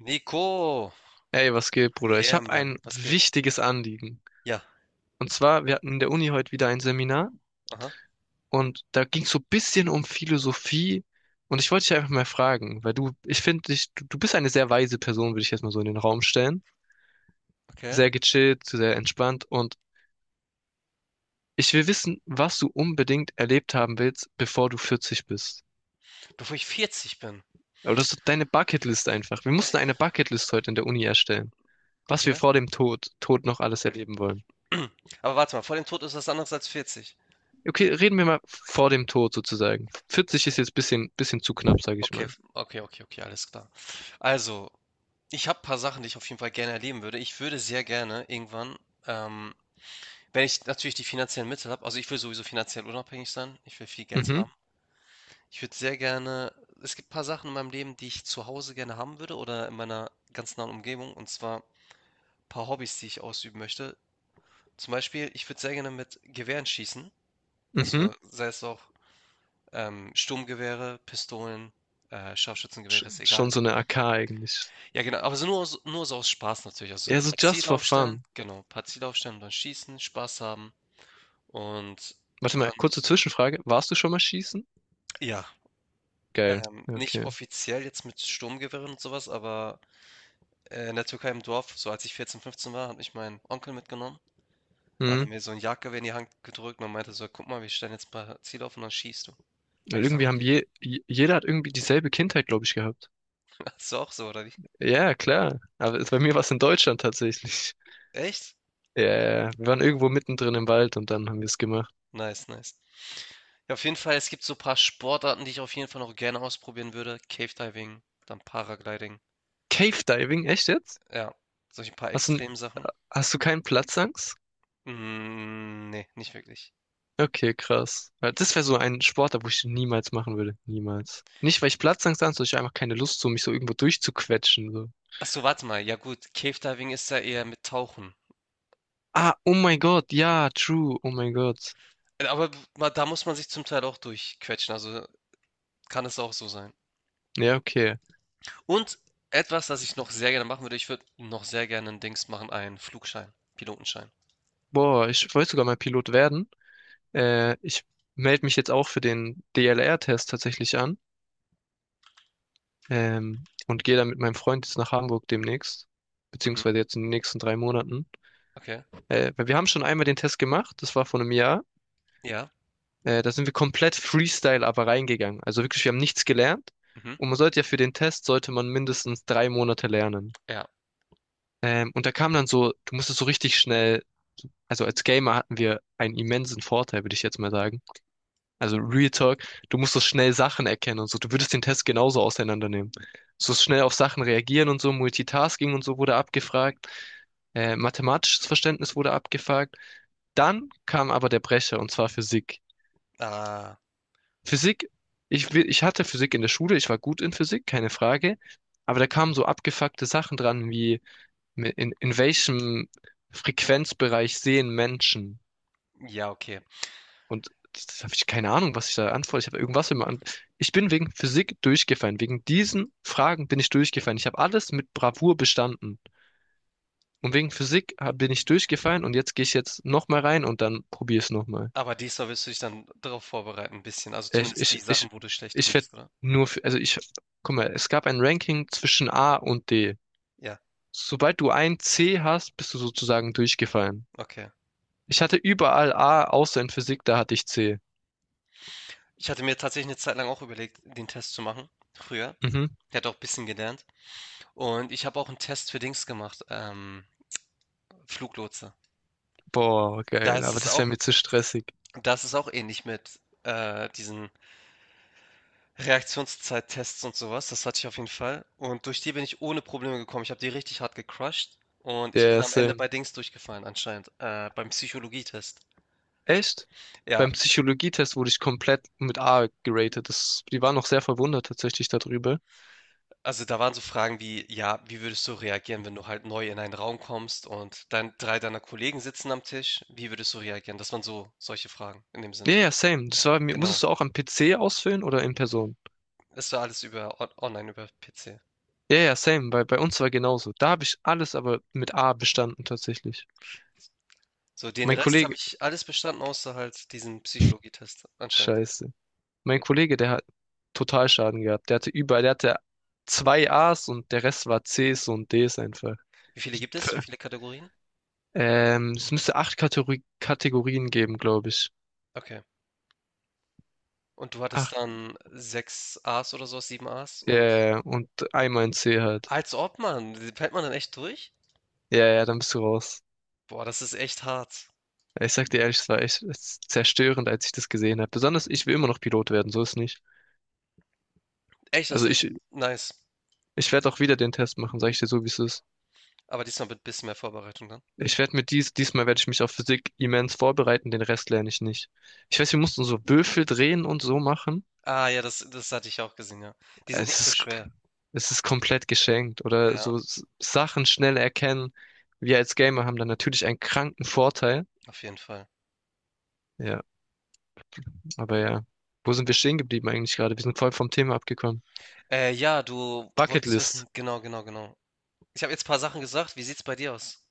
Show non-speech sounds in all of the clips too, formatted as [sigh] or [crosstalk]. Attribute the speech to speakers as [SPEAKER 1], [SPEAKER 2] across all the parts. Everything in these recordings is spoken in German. [SPEAKER 1] Nico,
[SPEAKER 2] Ey, was geht, Bruder? Ich
[SPEAKER 1] yeah
[SPEAKER 2] habe
[SPEAKER 1] man,
[SPEAKER 2] ein
[SPEAKER 1] was geht?
[SPEAKER 2] wichtiges Anliegen.
[SPEAKER 1] Ja,
[SPEAKER 2] Und zwar, wir hatten in der Uni heute wieder ein Seminar
[SPEAKER 1] aha,
[SPEAKER 2] und da ging es so ein bisschen um Philosophie. Und ich wollte dich einfach mal fragen, weil du, ich finde dich, du bist eine sehr weise Person, würde ich jetzt mal so in den Raum stellen.
[SPEAKER 1] okay.
[SPEAKER 2] Sehr gechillt, sehr entspannt. Und ich will wissen, was du unbedingt erlebt haben willst, bevor du 40 bist.
[SPEAKER 1] Bevor ich 40 bin,
[SPEAKER 2] Aber das ist deine Bucketlist einfach. Wir mussten eine Bucketlist heute in der Uni erstellen, was wir
[SPEAKER 1] okay.
[SPEAKER 2] vor dem Tod noch alles erleben wollen.
[SPEAKER 1] [clears throat] Aber warte mal, vor dem Tod ist was anderes als 40.
[SPEAKER 2] Okay, reden wir mal vor dem Tod sozusagen. 40 ist jetzt ein bisschen zu knapp, sage ich
[SPEAKER 1] Okay,
[SPEAKER 2] mal.
[SPEAKER 1] okay, okay, okay, alles klar. Also, ich habe ein paar Sachen, die ich auf jeden Fall gerne erleben würde. Ich würde sehr gerne irgendwann, ähm, wenn ich natürlich die finanziellen Mittel habe, also ich will sowieso finanziell unabhängig sein, ich will viel Geld
[SPEAKER 2] Mhm,
[SPEAKER 1] haben. Ich würde sehr gerne, es gibt ein paar Sachen in meinem Leben, die ich zu Hause gerne haben würde oder in meiner ganz nahen Umgebung, und zwar ein paar Hobbys, die ich ausüben möchte. Zum Beispiel, ich würde sehr gerne mit Gewehren schießen.
[SPEAKER 2] mhm.
[SPEAKER 1] Also sei es auch Sturmgewehre, Pistolen, Scharfschützengewehre, ist
[SPEAKER 2] Schon
[SPEAKER 1] egal.
[SPEAKER 2] so eine AK eigentlich.
[SPEAKER 1] Ja, genau, aber so nur, nur so aus Spaß natürlich. Also
[SPEAKER 2] Ja,
[SPEAKER 1] ein
[SPEAKER 2] so
[SPEAKER 1] paar
[SPEAKER 2] just
[SPEAKER 1] Ziele
[SPEAKER 2] for
[SPEAKER 1] aufstellen,
[SPEAKER 2] fun.
[SPEAKER 1] genau, ein paar Ziele aufstellen und dann schießen, Spaß haben. Und
[SPEAKER 2] Warte mal,
[SPEAKER 1] dann,
[SPEAKER 2] kurze Zwischenfrage. Warst du schon mal schießen?
[SPEAKER 1] ja,
[SPEAKER 2] Geil.
[SPEAKER 1] nicht
[SPEAKER 2] Okay.
[SPEAKER 1] offiziell jetzt mit Sturmgewehren und sowas, aber in der Türkei im Dorf, so als ich 14, 15 war, hat mich mein Onkel mitgenommen. Da hat er
[SPEAKER 2] Mhm.
[SPEAKER 1] mir so ein Jagdgewehr in die Hand gedrückt und meinte so, guck mal, wir stellen jetzt ein paar Ziele auf und dann schießt du. Hab ich gesagt,
[SPEAKER 2] Irgendwie haben
[SPEAKER 1] okay.
[SPEAKER 2] jeder hat irgendwie dieselbe Kindheit, glaube ich, gehabt.
[SPEAKER 1] Ist du auch so, oder wie?
[SPEAKER 2] Ja, klar. Bei mir war es in Deutschland tatsächlich.
[SPEAKER 1] Echt?
[SPEAKER 2] Ja, ja, wir waren irgendwo mittendrin im Wald und dann haben wir es gemacht.
[SPEAKER 1] Nice, nice. Ja, auf jeden Fall, es gibt so ein paar Sportarten, die ich auf jeden Fall noch gerne ausprobieren würde. Cave Diving, dann Paragliding.
[SPEAKER 2] Cave Diving, echt jetzt?
[SPEAKER 1] Ja, solche paar
[SPEAKER 2] Hast du,
[SPEAKER 1] Extremsachen.
[SPEAKER 2] Hast du keinen Platzangst?
[SPEAKER 1] Mm, nee, nicht wirklich.
[SPEAKER 2] Okay, krass. Weil das wäre so ein Sportart, wo ich niemals machen würde. Niemals. Nicht, weil ich Platzangst habe, sondern ich hab einfach keine Lust, so mich so irgendwo durchzuquetschen. So.
[SPEAKER 1] Ach so, warte mal. Ja gut, Cave Diving ist ja eher mit Tauchen.
[SPEAKER 2] Ah, oh mein Gott, ja, true, oh mein Gott.
[SPEAKER 1] Aber da muss man sich zum Teil auch durchquetschen. Also kann es auch so sein.
[SPEAKER 2] Ja, okay.
[SPEAKER 1] Und etwas, das ich noch sehr gerne machen würde, ich würde noch sehr gerne ein Dings machen, einen Flugschein, Pilotenschein.
[SPEAKER 2] Boah, ich wollte sogar mal Pilot werden. Ich melde mich jetzt auch für den DLR-Test tatsächlich an. Und gehe dann mit meinem Freund jetzt nach Hamburg demnächst.
[SPEAKER 1] Mhm,
[SPEAKER 2] Beziehungsweise jetzt in den nächsten 3 Monaten.
[SPEAKER 1] okay.
[SPEAKER 2] Weil wir haben schon einmal den Test gemacht, das war vor einem Jahr.
[SPEAKER 1] Ja.
[SPEAKER 2] Da sind wir komplett Freestyle aber reingegangen. Also wirklich, wir haben nichts gelernt.
[SPEAKER 1] Mhm,
[SPEAKER 2] Und man sollte ja für den Test, sollte man mindestens 3 Monate lernen.
[SPEAKER 1] ja.
[SPEAKER 2] Und da kam dann so, du musstest so richtig schnell, also als Gamer hatten wir einen immensen Vorteil, würde ich jetzt mal sagen. Also Real Talk, du musstest schnell Sachen erkennen und so. Du würdest den Test genauso auseinandernehmen. So schnell auf Sachen reagieren und so, Multitasking und so wurde abgefragt. Mathematisches Verständnis wurde abgefragt. Dann kam aber der Brecher, und zwar Physik.
[SPEAKER 1] Ah,
[SPEAKER 2] Physik, ich hatte Physik in der Schule, ich war gut in Physik, keine Frage, aber da kamen so abgefuckte Sachen dran, wie in welchem Frequenzbereich sehen Menschen?
[SPEAKER 1] ja, okay.
[SPEAKER 2] Und das habe ich keine Ahnung, was ich da antworte. Ich habe irgendwas immer an. Ich bin wegen Physik durchgefallen. Wegen diesen Fragen bin ich durchgefallen. Ich habe alles mit Bravour bestanden. Und wegen Physik bin ich durchgefallen und jetzt gehe ich jetzt nochmal rein und dann probiere es nochmal.
[SPEAKER 1] Aber diesmal willst du dich dann darauf vorbereiten ein bisschen, also
[SPEAKER 2] Ich,
[SPEAKER 1] zumindest die
[SPEAKER 2] ich, ich,
[SPEAKER 1] Sachen, wo du schlecht drin
[SPEAKER 2] ich werde
[SPEAKER 1] bist, oder?
[SPEAKER 2] nur für, guck mal, es gab ein Ranking zwischen A und D.
[SPEAKER 1] Ja,
[SPEAKER 2] Sobald du ein C hast, bist du sozusagen durchgefallen.
[SPEAKER 1] okay.
[SPEAKER 2] Ich hatte überall A, außer in Physik, da hatte ich C.
[SPEAKER 1] Ich hatte mir tatsächlich eine Zeit lang auch überlegt, den Test zu machen, früher.
[SPEAKER 2] Mhm.
[SPEAKER 1] Ich hatte auch ein bisschen gelernt und ich habe auch einen Test für Dings gemacht, Fluglotse.
[SPEAKER 2] Boah,
[SPEAKER 1] Da
[SPEAKER 2] geil,
[SPEAKER 1] ist
[SPEAKER 2] aber
[SPEAKER 1] es
[SPEAKER 2] das wäre
[SPEAKER 1] auch
[SPEAKER 2] mir zu stressig.
[SPEAKER 1] das ist auch ähnlich mit, diesen Reaktionszeittests und sowas. Das hatte ich auf jeden Fall und durch die bin ich ohne Probleme gekommen. Ich habe die richtig hart gecrushed und ich
[SPEAKER 2] Der
[SPEAKER 1] bin am
[SPEAKER 2] ist,
[SPEAKER 1] Ende bei Dings durchgefallen anscheinend, beim Psychologietest.
[SPEAKER 2] echt? Beim
[SPEAKER 1] Ja.
[SPEAKER 2] Psychologietest wurde ich komplett mit A geratet. Das, die waren noch sehr verwundert tatsächlich darüber.
[SPEAKER 1] Also, da waren so Fragen wie, ja, wie würdest du reagieren, wenn du halt neu in einen Raum kommst und dann 3 deiner Kollegen sitzen am Tisch? Wie würdest du reagieren? Das waren so solche Fragen in dem
[SPEAKER 2] Ja,
[SPEAKER 1] Sinne.
[SPEAKER 2] ja, same. Das war, musstest
[SPEAKER 1] Genau.
[SPEAKER 2] du auch am PC ausfüllen oder in Person?
[SPEAKER 1] Das war alles über on online über PC.
[SPEAKER 2] Ja, ja, same, bei uns war genauso. Da habe ich alles aber mit A bestanden tatsächlich.
[SPEAKER 1] So, den
[SPEAKER 2] Mein
[SPEAKER 1] Rest habe
[SPEAKER 2] Kollege,
[SPEAKER 1] ich alles bestanden, außer halt diesen Psychologietest anscheinend.
[SPEAKER 2] scheiße. Mein Kollege, der hat total Schaden gehabt. Der hatte überall, der hatte zwei A's und der Rest war C's und D's einfach.
[SPEAKER 1] Wie viele gibt
[SPEAKER 2] [laughs]
[SPEAKER 1] es? Wie
[SPEAKER 2] Pf-
[SPEAKER 1] viele Kategorien?
[SPEAKER 2] es müsste acht Kategorien geben, glaube ich.
[SPEAKER 1] Okay. Und du hattest
[SPEAKER 2] Acht,
[SPEAKER 1] dann 6 A's oder so, 7 A's und
[SPEAKER 2] und einmal ein C halt.
[SPEAKER 1] als ob, man, fällt man dann echt durch?
[SPEAKER 2] Ja, ja, dann bist du raus.
[SPEAKER 1] Boah, das ist echt hart.
[SPEAKER 2] Ich sag dir ehrlich, es war echt es ist zerstörend, als ich das gesehen habe. Besonders ich will immer noch Pilot werden, so ist nicht.
[SPEAKER 1] Echt, das
[SPEAKER 2] Also
[SPEAKER 1] ist echt
[SPEAKER 2] ich,
[SPEAKER 1] nice.
[SPEAKER 2] ich werde auch wieder den Test machen, sag ich dir so, wie es ist.
[SPEAKER 1] Aber diesmal mit ein bisschen mehr Vorbereitung dann.
[SPEAKER 2] Ich werde mit diesmal werde ich mich auf Physik immens vorbereiten, den Rest lerne ich nicht. Ich weiß, wir mussten so Würfel drehen und so machen.
[SPEAKER 1] Ah ja, das hatte ich auch gesehen, ja. Die sind nicht
[SPEAKER 2] Es
[SPEAKER 1] so
[SPEAKER 2] ist,
[SPEAKER 1] schwer.
[SPEAKER 2] es ist komplett geschenkt oder
[SPEAKER 1] Ja,
[SPEAKER 2] so Sachen schnell erkennen. Wir als Gamer haben da natürlich einen kranken Vorteil.
[SPEAKER 1] auf jeden Fall.
[SPEAKER 2] Ja, aber ja. Wo sind wir stehen geblieben eigentlich gerade? Wir sind voll vom Thema abgekommen.
[SPEAKER 1] Ja, du wolltest
[SPEAKER 2] Bucketlist.
[SPEAKER 1] wissen, genau, genau, genau. Ich habe jetzt ein paar Sachen gesagt. Wie sieht's bei dir aus?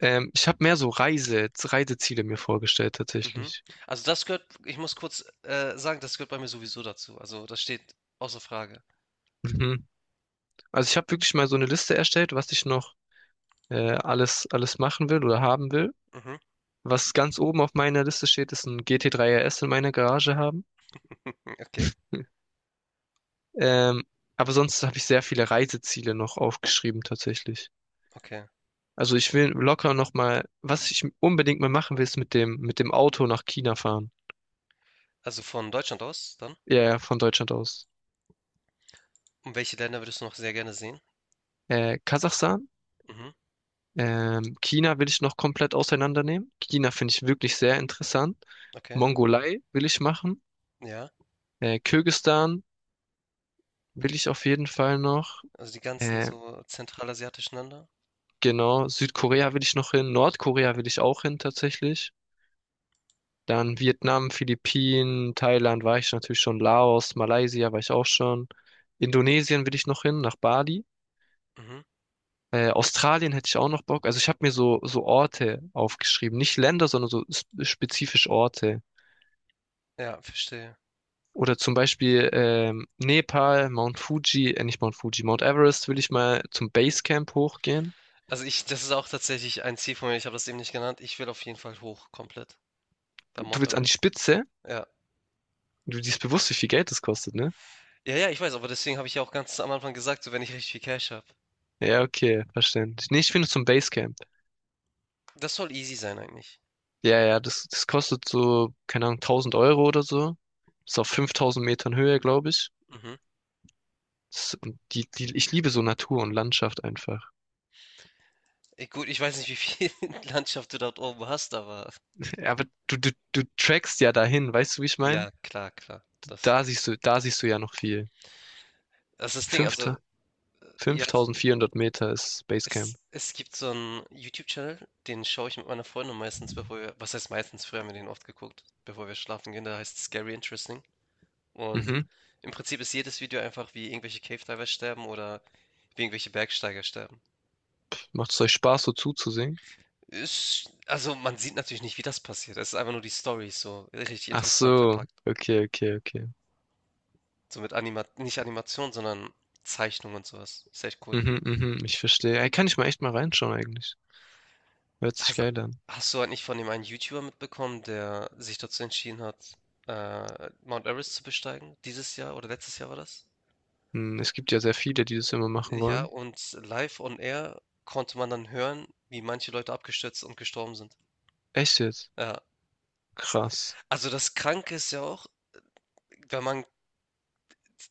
[SPEAKER 2] Ich habe mehr so Reiseziele mir vorgestellt
[SPEAKER 1] Mhm.
[SPEAKER 2] tatsächlich.
[SPEAKER 1] Also das gehört, ich muss kurz sagen, das gehört bei mir sowieso dazu. Also das steht außer Frage.
[SPEAKER 2] Mhm. Also ich habe wirklich mal so eine Liste erstellt, was ich noch alles machen will oder haben will.
[SPEAKER 1] Mhm.
[SPEAKER 2] Was ganz oben auf meiner Liste steht, ist ein GT3 RS in meiner Garage haben.
[SPEAKER 1] Hm, okay,
[SPEAKER 2] Ähm, aber sonst habe ich sehr viele Reiseziele noch aufgeschrieben tatsächlich.
[SPEAKER 1] okay.
[SPEAKER 2] Also ich will locker noch mal, was ich unbedingt mal machen will, ist mit dem Auto nach China fahren.
[SPEAKER 1] Also von Deutschland aus dann?
[SPEAKER 2] Ja, ja, von Deutschland aus.
[SPEAKER 1] Und welche Länder würdest du noch sehr gerne sehen?
[SPEAKER 2] Kasachstan,
[SPEAKER 1] Mhm.
[SPEAKER 2] China will ich noch komplett auseinandernehmen. China finde ich wirklich sehr interessant.
[SPEAKER 1] Okay.
[SPEAKER 2] Mongolei will ich machen.
[SPEAKER 1] Ja.
[SPEAKER 2] Kirgisistan will ich auf jeden Fall noch.
[SPEAKER 1] Also die ganzen
[SPEAKER 2] Äh,
[SPEAKER 1] so zentralasiatischen Länder?
[SPEAKER 2] Genau, Südkorea will ich noch hin, Nordkorea will ich auch hin tatsächlich. Dann Vietnam, Philippinen, Thailand war ich natürlich schon, Laos, Malaysia war ich auch schon. Indonesien will ich noch hin, nach Bali.
[SPEAKER 1] Mhm.
[SPEAKER 2] Australien hätte ich auch noch Bock. Also ich habe mir so Orte aufgeschrieben. Nicht Länder, sondern spezifisch Orte.
[SPEAKER 1] Ja, verstehe.
[SPEAKER 2] Oder zum Beispiel Nepal, Mount Fuji, nicht Mount Fuji, Mount Everest will ich mal zum Basecamp hochgehen.
[SPEAKER 1] Also ich, das ist auch tatsächlich ein Ziel von mir. Ich habe das eben nicht genannt. Ich will auf jeden Fall hoch, komplett bei
[SPEAKER 2] Du
[SPEAKER 1] Mount
[SPEAKER 2] willst an die
[SPEAKER 1] Everest.
[SPEAKER 2] Spitze?
[SPEAKER 1] Ja.
[SPEAKER 2] Du siehst bewusst, wie viel Geld das kostet, ne?
[SPEAKER 1] Ja, ja, ich weiß, aber deswegen habe ich ja auch ganz am Anfang gesagt, so wenn ich richtig viel Cash habe.
[SPEAKER 2] Ja, okay, verständlich. Nee, ich finde zum Basecamp.
[SPEAKER 1] Das soll easy sein eigentlich.
[SPEAKER 2] Ja, ja, das kostet so, keine Ahnung, 1.000 Euro oder so. Ist auf 5.000 Metern Höhe, glaube ich.
[SPEAKER 1] Mhm.
[SPEAKER 2] Das, und ich liebe so Natur und Landschaft einfach.
[SPEAKER 1] Gut, ich weiß nicht, wie viel [laughs] Landschaft du dort oben hast, aber
[SPEAKER 2] Ja, aber du trackst ja dahin, weißt du, wie ich meine?
[SPEAKER 1] ja, klar, klar. Das,
[SPEAKER 2] Da siehst du ja noch viel.
[SPEAKER 1] das ist das Ding. Also,
[SPEAKER 2] Fünfter,
[SPEAKER 1] ja,
[SPEAKER 2] 5.400 Meter ist Basecamp.
[SPEAKER 1] es gibt so einen YouTube-Channel, den schaue ich mit meiner Freundin meistens, bevor wir, was heißt meistens, früher haben wir den oft geguckt, bevor wir schlafen gehen, der heißt Scary Interesting. Und
[SPEAKER 2] Mhm.
[SPEAKER 1] im Prinzip ist jedes Video einfach, wie irgendwelche Cave Diver sterben oder wie irgendwelche Bergsteiger sterben.
[SPEAKER 2] Macht es euch Spaß, so zuzusehen?
[SPEAKER 1] Ist, also man sieht natürlich nicht, wie das passiert. Es ist einfach nur die Story so richtig
[SPEAKER 2] Ach
[SPEAKER 1] interessant
[SPEAKER 2] so,
[SPEAKER 1] verpackt.
[SPEAKER 2] okay, okay, okay.
[SPEAKER 1] So mit Anima nicht Animation, sondern Zeichnung und sowas. Ist echt cool.
[SPEAKER 2] Mhm, mhm, ich verstehe. Ey, kann ich mal echt mal reinschauen eigentlich. Hört sich
[SPEAKER 1] Hast,
[SPEAKER 2] geil an.
[SPEAKER 1] hast du halt nicht von dem einen YouTuber mitbekommen, der sich dazu entschieden hat, Mount Everest zu besteigen? Dieses Jahr oder letztes Jahr war das?
[SPEAKER 2] Hm, es gibt ja sehr viele, die das immer machen
[SPEAKER 1] Ja,
[SPEAKER 2] wollen.
[SPEAKER 1] und live on air konnte man dann hören, wie manche Leute abgestürzt und gestorben sind.
[SPEAKER 2] Echt jetzt?
[SPEAKER 1] Ja.
[SPEAKER 2] Krass.
[SPEAKER 1] Also, das Kranke ist ja auch, wenn man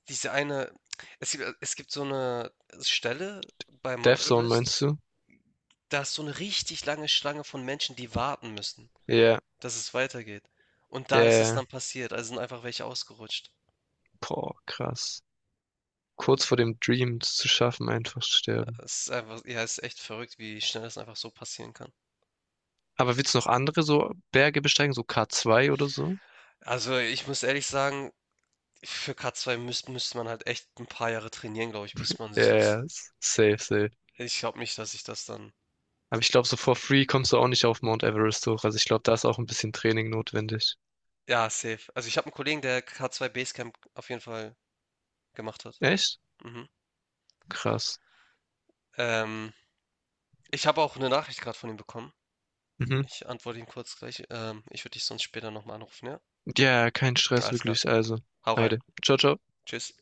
[SPEAKER 1] diese eine es gibt so eine Stelle bei Mount
[SPEAKER 2] Death Zone
[SPEAKER 1] Everest,
[SPEAKER 2] meinst du?
[SPEAKER 1] da ist so eine richtig lange Schlange von Menschen, die warten müssen,
[SPEAKER 2] Ja,
[SPEAKER 1] dass es weitergeht. Und
[SPEAKER 2] ja,
[SPEAKER 1] da
[SPEAKER 2] ja.
[SPEAKER 1] ist es
[SPEAKER 2] ja.
[SPEAKER 1] dann passiert, also sind einfach welche ausgerutscht.
[SPEAKER 2] Boah, krass. Kurz vor dem Dream das zu schaffen, einfach sterben.
[SPEAKER 1] Es ist einfach ja, es ist echt verrückt, wie schnell das einfach so passieren kann.
[SPEAKER 2] Aber willst du noch andere so Berge besteigen, so K2 oder so?
[SPEAKER 1] Also, ich muss ehrlich sagen, für K2 müsste man halt echt ein paar Jahre trainieren, glaube ich, bis man
[SPEAKER 2] Ja,
[SPEAKER 1] sich das
[SPEAKER 2] yeah, safe.
[SPEAKER 1] ich glaube nicht, dass ich das dann
[SPEAKER 2] Aber ich glaube, so for free kommst du auch nicht auf Mount Everest hoch. Also ich glaube, da ist auch ein bisschen Training notwendig.
[SPEAKER 1] ja, safe. Also, ich habe einen Kollegen, der K2 Basecamp auf jeden Fall gemacht hat.
[SPEAKER 2] Echt?
[SPEAKER 1] Mhm.
[SPEAKER 2] Krass.
[SPEAKER 1] Ähm, Ich habe auch eine Nachricht gerade von ihm bekommen.
[SPEAKER 2] Mhm.
[SPEAKER 1] Ich antworte ihm kurz gleich. Ich würde dich sonst später noch mal anrufen, ja?
[SPEAKER 2] Ja, kein Stress
[SPEAKER 1] Alles klar.
[SPEAKER 2] wirklich. Also,
[SPEAKER 1] Hau rein.
[SPEAKER 2] Heide. Ciao, ciao.
[SPEAKER 1] Tschüss.